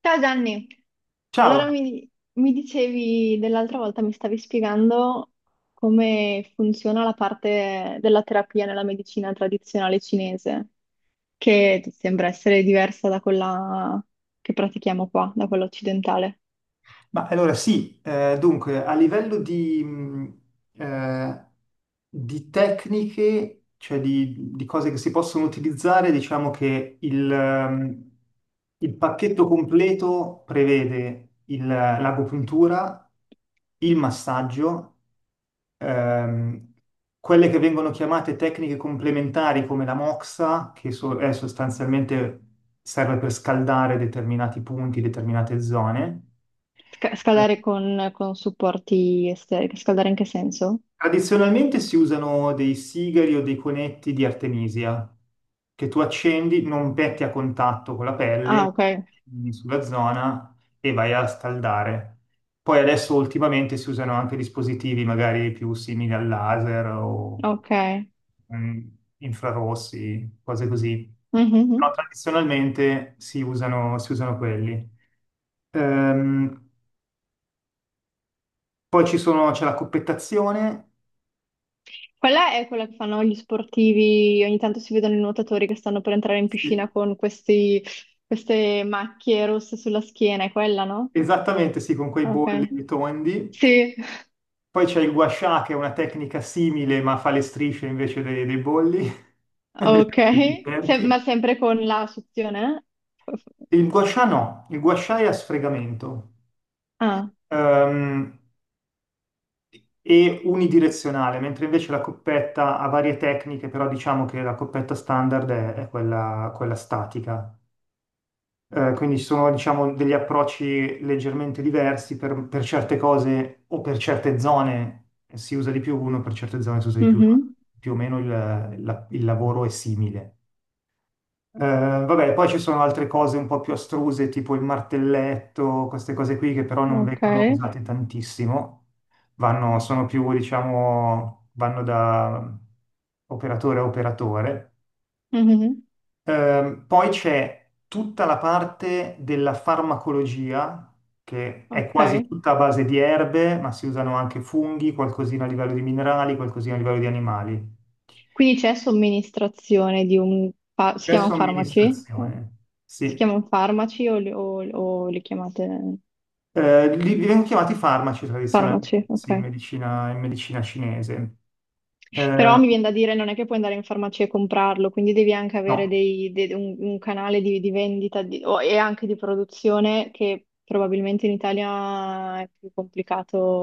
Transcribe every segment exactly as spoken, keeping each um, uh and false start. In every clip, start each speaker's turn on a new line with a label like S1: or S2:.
S1: Ciao Gianni,
S2: Ciao,
S1: allora mi, mi dicevi dell'altra volta, mi stavi spiegando come funziona la parte della terapia nella medicina tradizionale cinese, che sembra essere diversa da quella che pratichiamo qua, da quella occidentale.
S2: ma allora sì, eh, dunque a livello di, mh, eh, di tecniche, cioè di, di cose che si possono utilizzare, diciamo che il, ehm, il pacchetto completo prevede il- l'agopuntura, il massaggio, ehm, quelle che vengono chiamate tecniche complementari come la moxa, che so- è sostanzialmente serve per scaldare determinati punti, determinate zone.
S1: Sca- scaldare con, con supporti esteri, scaldare in che senso?
S2: Tradizionalmente si usano dei sigari o dei conetti di artemisia che tu accendi, non metti a contatto con la pelle,
S1: Ah, ok,
S2: accendi sulla zona e vai a scaldare. Poi adesso ultimamente si usano anche dispositivi magari più simili al laser o
S1: ok.
S2: mm, infrarossi, cose così.
S1: Mhm,
S2: Però
S1: mhm.
S2: tradizionalmente si usano, si usano quelli. Ehm, Poi ci sono- c'è la coppettazione.
S1: Quella è quella che fanno gli sportivi, ogni tanto si vedono i nuotatori che stanno per entrare in
S2: Sì.
S1: piscina con questi- queste macchie rosse sulla schiena, è quella, no?
S2: Esattamente, sì, con quei
S1: Ok.
S2: bolli tondi.
S1: Sì,
S2: Poi c'è il guascià, che è una tecnica simile, ma fa le strisce invece dei, dei bolli,
S1: ok.
S2: invece dei
S1: Se- ma
S2: cerchi.
S1: sempre con la suzione? Eh?
S2: Il guascià no, il guascià è a sfregamento,
S1: Ah,
S2: ehm, e unidirezionale, mentre invece la coppetta ha varie tecniche, però diciamo che la coppetta standard è, è quella, quella statica. Eh, quindi ci sono, diciamo, degli approcci leggermente diversi per, per certe cose o per certe zone si usa di più uno, per certe zone si usa di più l'altro.
S1: mhm.
S2: Più o meno il, la- il lavoro è simile. Eh, vabbè, poi ci sono altre cose un po' più astruse, tipo il martelletto, queste cose qui che però non
S1: Ok.
S2: vengono usate tantissimo, vanno, sono più, diciamo, vanno da operatore a operatore.
S1: Mhm.
S2: Ehm, poi c'è tutta la parte della farmacologia, che è quasi
S1: Ok.
S2: tutta a base di erbe, ma si usano anche funghi, qualcosina a livello di minerali, qualcosina a livello di animali.
S1: Quindi c'è somministrazione di un... fa- si
S2: C'è
S1: chiamano farmaci?
S2: somministrazione,
S1: Si
S2: sì.
S1: chiamano farmaci o li, o o li chiamate
S2: Eh, li vengono chiamati farmaci
S1: farmaci?
S2: tradizionalmente,
S1: Ok.
S2: sì, in medicina, in medicina cinese.
S1: Però
S2: Eh,
S1: mi viene da dire, non è che puoi andare in farmacia e comprarlo, quindi devi anche
S2: no.
S1: avere dei- de- un, un canale di, di vendita di- o- e anche di produzione che probabilmente in Italia è più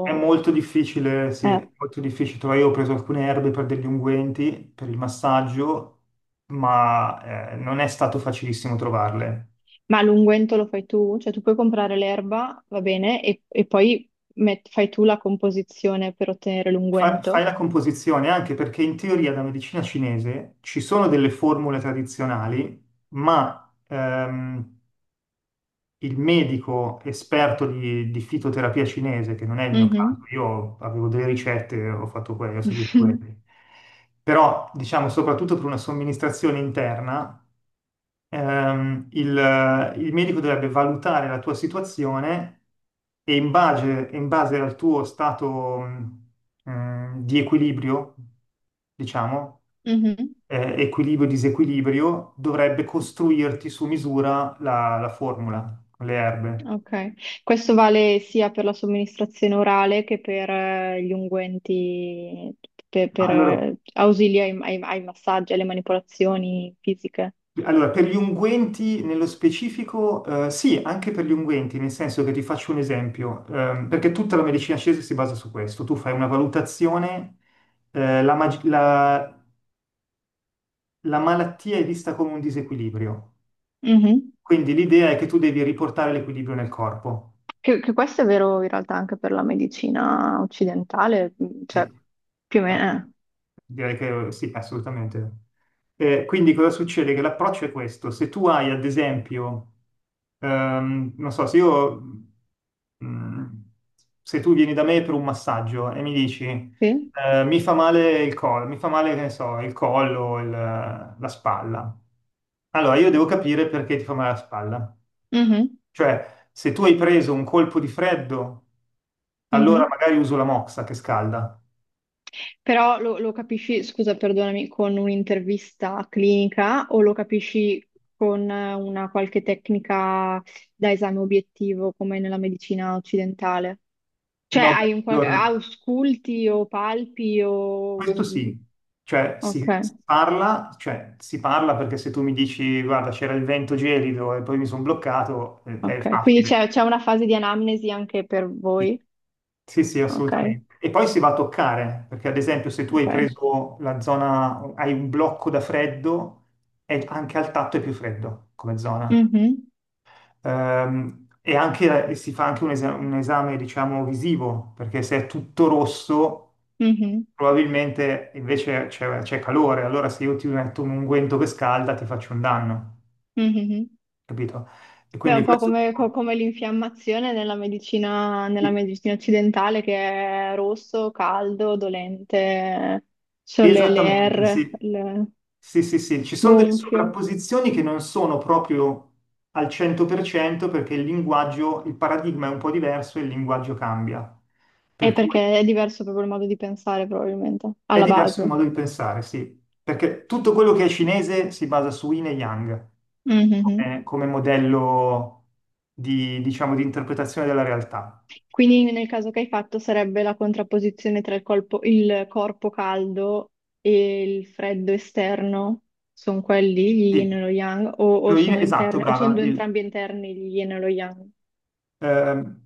S2: È molto difficile, sì,
S1: Eh,
S2: è molto difficile. Tra- Io ho preso alcune erbe per degli unguenti, per il massaggio, ma eh, non è stato facilissimo trovarle.
S1: Ma l'unguento lo fai tu? Cioè tu puoi comprare l'erba, va bene, e, e poi met- fai tu la composizione per ottenere
S2: Fa- fai
S1: l'unguento?
S2: la composizione anche perché in teoria la medicina cinese ci sono delle formule tradizionali, ma ehm, il medico esperto di, di fitoterapia cinese, che non è il mio caso,
S1: Mhm.
S2: io avevo delle ricette, ho fatto quelle, ho seguito quelle. Però, diciamo, soprattutto per una somministrazione interna, ehm, il, il medico dovrebbe valutare la tua situazione e in base, in base al tuo stato, mh, mh, di equilibrio, diciamo,
S1: Mhm.
S2: eh, equilibrio-disequilibrio, dovrebbe costruirti su misura la, la formula con le erbe.
S1: Ok, questo vale sia per la somministrazione orale che per eh, gli unguenti, per,
S2: Ah,
S1: per,
S2: allora,
S1: eh, ausili ai, ai- ai massaggi, alle manipolazioni fisiche.
S2: Allora, per gli unguenti nello specifico, eh, sì, anche per gli unguenti, nel senso che ti faccio un esempio, ehm, perché tutta la medicina cinese si basa su questo. Tu fai una valutazione, eh, la, mag- la- la malattia è vista come un disequilibrio,
S1: Mhm.
S2: quindi l'idea è che tu devi riportare l'equilibrio nel corpo.
S1: Che, che questo è vero in realtà anche per la medicina occidentale, mh,
S2: Sì.
S1: cioè più o
S2: Ah,
S1: meno.
S2: direi che sì, assolutamente. Eh, quindi cosa succede? Che l'approccio è questo. Se tu hai, ad esempio, ehm, non so, se io, mm, se tu vieni da me per un massaggio e mi dici,
S1: Eh, sì?
S2: eh, mi fa male il collo, mi fa male, che ne so, il collo, il- la spalla. Allora, io devo capire perché ti fa male la spalla.
S1: Mhm,
S2: Cioè, se tu hai preso un colpo di freddo, allora
S1: mhm.
S2: magari uso la moxa che scalda.
S1: Però lo, lo capisci, scusa, perdonami, con un'intervista clinica o lo capisci con eh, una qualche tecnica da esame obiettivo come nella medicina occidentale? Cioè
S2: No, beh,
S1: hai un qualche...
S2: allora,
S1: ausculti o palpi o...
S2: questo
S1: mm,
S2: sì, cioè si,
S1: ok,
S2: si parla, cioè si parla perché se tu mi dici guarda c'era il vento gelido e poi mi sono bloccato, eh, è
S1: ok. Quindi
S2: facile.
S1: c'è c'è una fase di anamnesi anche per
S2: Sì,
S1: voi?
S2: sì, sì,
S1: Ok,
S2: assolutamente. E poi si va a toccare, perché ad esempio se tu hai
S1: ok.
S2: preso la zona, hai un blocco da freddo, è- anche al tatto è più freddo come zona.
S1: Mhm,
S2: Ehm, e anche, e si fa anche un, esa- un esame, diciamo, visivo, perché se è tutto rosso,
S1: mhm,
S2: probabilmente invece c'è c'è calore, allora se io ti metto un unguento che scalda ti faccio un danno,
S1: mhm.
S2: capito? E
S1: Beh, è
S2: quindi
S1: un po'
S2: questo.
S1: come, co- come l'infiammazione nella medicina, nella
S2: Sì,
S1: medicina occidentale che è rosso, caldo, dolente, ci sono le, le
S2: esattamente,
S1: R,
S2: sì.
S1: il
S2: Sì, sì, sì, ci sono delle
S1: gonfio.
S2: sovrapposizioni che non sono proprio al cento per cento perché il linguaggio, il paradigma è un po' diverso e il linguaggio cambia.
S1: È
S2: Per cui.
S1: perché è diverso proprio il modo di pensare, probabilmente,
S2: È
S1: alla
S2: diverso il
S1: base.
S2: modo di pensare, sì, perché tutto quello che è cinese si basa su Yin e Yang
S1: Mhm.
S2: come, come modello di, diciamo, di interpretazione della realtà.
S1: Quindi nel caso che hai fatto sarebbe la contrapposizione tra il colpo- il corpo caldo e il freddo esterno, sono quelli, gli yin e
S2: Sì,
S1: lo yang, o, o
S2: lo yin-
S1: sono
S2: esatto,
S1: interni, o sono
S2: brava.
S1: due
S2: il-
S1: entrambi interni, gli yin e lo yang.
S2: ehm,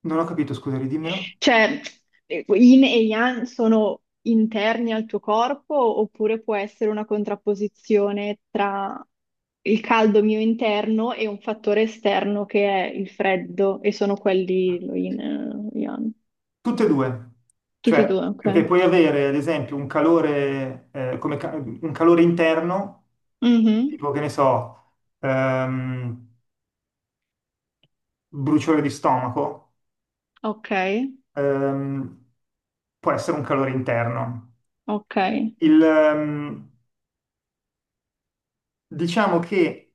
S2: Non ho capito, scusa, ridimmelo.
S1: Cioè, eh, yin e yang sono interni al tuo corpo oppure può essere una contrapposizione tra il caldo mio interno e un fattore esterno che è il freddo e sono quelli lo yin e lo yang.
S2: Tutte e due,
S1: Tutti e due,
S2: cioè, perché
S1: ok.
S2: puoi avere ad esempio un calore, eh, come ca- un calore interno,
S1: Mhm.
S2: tipo che ne so, ehm, bruciore di stomaco,
S1: Ok,
S2: ehm, può essere un calore interno.
S1: ok,
S2: Il, ehm, diciamo che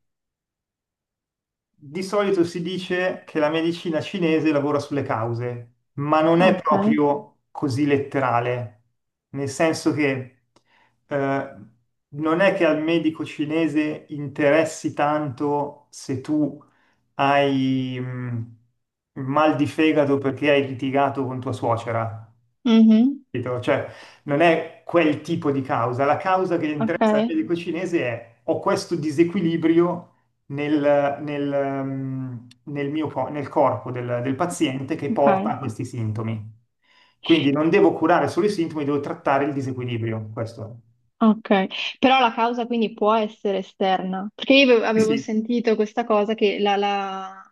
S2: di solito si dice che la medicina cinese lavora sulle cause, ma non è
S1: ok.
S2: proprio così letterale, nel senso che eh, non è che al medico cinese interessi tanto se tu hai mh, mal di fegato perché hai litigato con tua suocera.
S1: Mhm.
S2: Capito? Cioè, non è quel tipo di causa. La causa che
S1: Ok,
S2: interessa al medico cinese è ho questo disequilibrio nel, nel, ehm, nel mio co- nel corpo del, del paziente che
S1: ok,
S2: porta a questi sintomi. Quindi non devo curare solo i sintomi, devo trattare il disequilibrio. Questo è.
S1: ok. Però la causa quindi può essere esterna, perché io avevo
S2: Sì,
S1: avevo
S2: sì.
S1: sentito questa cosa che la, la-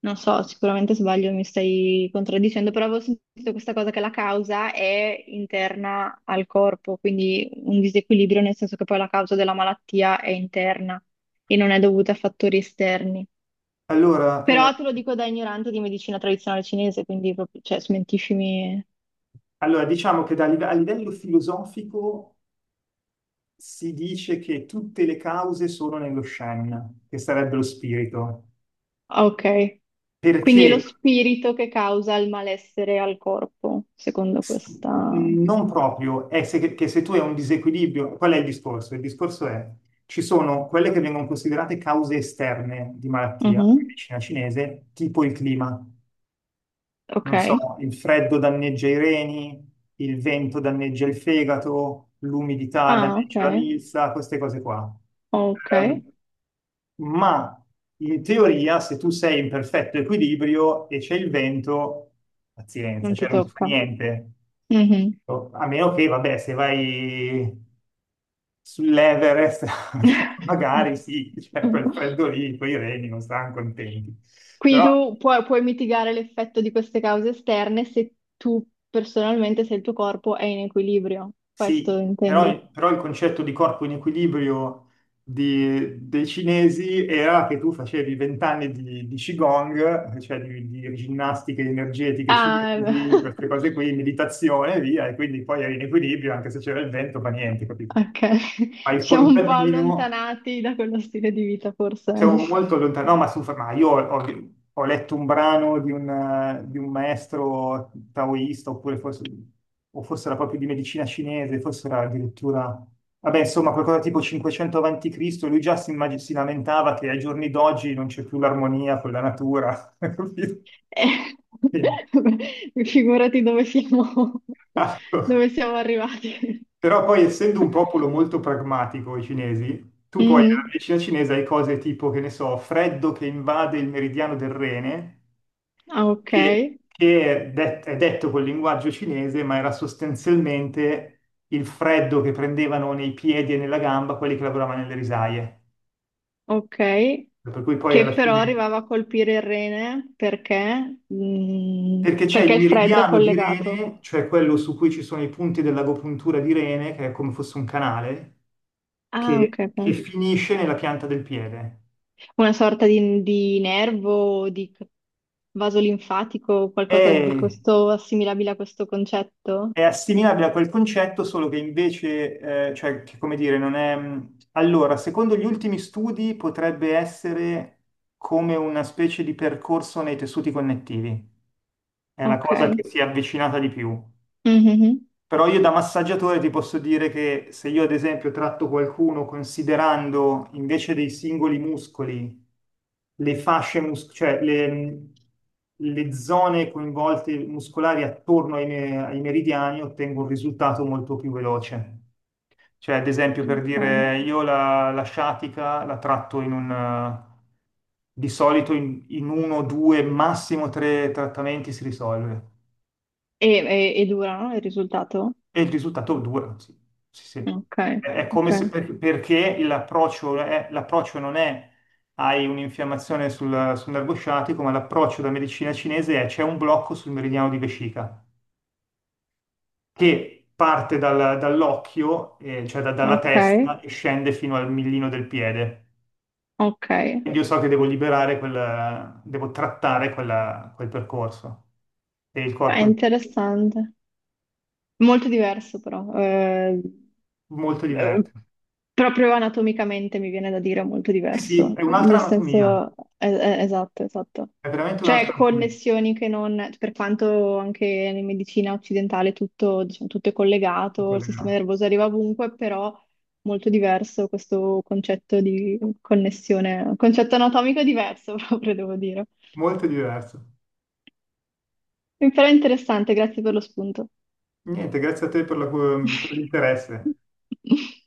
S1: Non so, sicuramente sbaglio, mi stai contraddicendo, però avevo sentito questa cosa che la causa è interna al corpo, quindi un disequilibrio nel senso che poi la causa della malattia è interna e non è dovuta a fattori esterni.
S2: Allora, eh,
S1: Però te lo dico da ignorante di medicina tradizionale cinese, quindi proprio, cioè, smentiscimi.
S2: allora, diciamo che da live- a livello filosofico si dice che tutte le cause sono nello Shen, che sarebbe lo spirito,
S1: Ah, ok, quindi è lo
S2: perché.
S1: spirito che causa il malessere al corpo, secondo
S2: S-
S1: questa...
S2: Non proprio, è se- che se tu hai un disequilibrio, qual è il discorso? Il discorso è, ci sono quelle che vengono considerate cause esterne di malattia, nella
S1: Mhm.
S2: medicina cinese, tipo il clima.
S1: Ok.
S2: Non so, il freddo danneggia i reni, il vento danneggia il fegato, l'umidità
S1: Ah, ok.
S2: danneggia la milza, queste cose qua.
S1: Ok,
S2: Ehm, ma in teoria, se tu sei in perfetto equilibrio e c'è il vento, pazienza,
S1: non ti
S2: cioè non si fa
S1: tocca.
S2: niente.
S1: Mhm.
S2: No, a meno che, vabbè, se vai sull'Everest, magari sì, cioè quel freddo lì, poi i reni non saranno contenti.
S1: Quindi
S2: Però
S1: tu puoi, puoi mitigare l'effetto di queste cause esterne se tu personalmente, se il tuo corpo è in equilibrio. Questo
S2: sì,
S1: intendi?
S2: però, però il concetto di corpo in equilibrio di- dei cinesi era che tu facevi vent'anni di, di Qigong, cioè di, di ginnastiche energetiche
S1: Ah,
S2: cinesi, queste cose qui, meditazione e via, e quindi poi eri in equilibrio, anche se c'era il vento, fa niente, capito?
S1: ok.
S2: Fai
S1: Ci
S2: il
S1: siamo un po'
S2: contadino.
S1: allontanati da quello stile di vita, forse.
S2: Siamo molto lontano, no, ma su, ma io ho, ho- ho letto un brano di un, di un maestro taoista, oppure forse, o forse era proprio di medicina cinese, forse era addirittura, vabbè, insomma, qualcosa tipo cinquecento avanti Cristo, lui già si, immag- si lamentava che ai giorni d'oggi non c'è più l'armonia con la natura, capito?
S1: Eh,
S2: Quindi,
S1: figurati dove siamo,
S2: ecco.
S1: dove siamo arrivati.
S2: Però poi essendo un popolo molto pragmatico, i cinesi, tu poi nella
S1: Mhm.
S2: medicina cinese hai cose tipo, che ne so, freddo che invade il meridiano del rene,
S1: Ah, ok,
S2: che, che è, det- è detto col linguaggio cinese, ma era sostanzialmente il freddo che prendevano nei piedi e nella gamba quelli che lavoravano nelle risaie.
S1: ok.
S2: Per cui poi alla
S1: Che però
S2: fine,
S1: arrivava a colpire il rene perché, mm,
S2: perché c'è
S1: perché
S2: il
S1: il freddo è
S2: meridiano di
S1: collegato.
S2: Rene, cioè quello su cui ci sono i punti dell'agopuntura di Rene, che è come fosse un canale,
S1: Ah, ok,
S2: che, che
S1: ok.
S2: finisce nella pianta del piede.
S1: Una sorta di, di nervo, di c- vaso linfatico, qualcosa di
S2: E
S1: questo, assimilabile a questo concetto?
S2: È assimilabile a quel concetto, solo che invece, eh, cioè, che come dire, non è. Allora, secondo gli ultimi studi potrebbe essere come una specie di percorso nei tessuti connettivi. È la
S1: Ok.
S2: cosa che si è avvicinata di più.
S1: Mhm.
S2: Però io da massaggiatore ti posso dire che se io ad esempio tratto qualcuno considerando invece dei singoli muscoli le fasce muscolari, cioè le, le zone coinvolte muscolari attorno ai, me- ai meridiani, ottengo un risultato molto più veloce. Cioè ad esempio per
S1: Ok.
S2: dire io la, la sciatica la tratto in un. Eh, di solito in, in, uno, due, massimo tre trattamenti si risolve.
S1: E, e- e dura, no? Il risultato?
S2: E il risultato dura, sì, sì, sì.
S1: Ok,
S2: È, è
S1: ok,
S2: come se per- perché l'approccio è- l'approccio non è hai un'infiammazione sul, sul nervo sciatico, ma l'approccio da medicina cinese è c'è un blocco sul meridiano di vescica che parte dal- dall'occhio, eh, cioè da- dalla
S1: ok,
S2: testa e scende fino al millino del piede.
S1: ok.
S2: Quindi io so che devo liberare quel, devo trattare quella- quel percorso. E il
S1: È
S2: corpo è
S1: interessante. Molto diverso però, eh,
S2: molto
S1: eh,
S2: diverso.
S1: proprio anatomicamente mi viene da dire molto
S2: Sì, sì,
S1: diverso,
S2: è un'altra
S1: nel
S2: anatomia,
S1: senso, eh, eh, esatto, esatto.
S2: è veramente un'altra
S1: Cioè
S2: anatomia.
S1: connessioni che non, per quanto anche in medicina occidentale tutto, diciamo, tutto è collegato, il sistema
S2: Collegato.
S1: nervoso arriva ovunque, però molto diverso questo concetto di connessione, concetto anatomico diverso proprio, devo dire.
S2: Molto diverso.
S1: Però è interessante, grazie per lo spunto.
S2: Niente, grazie a te per la- per l'interesse.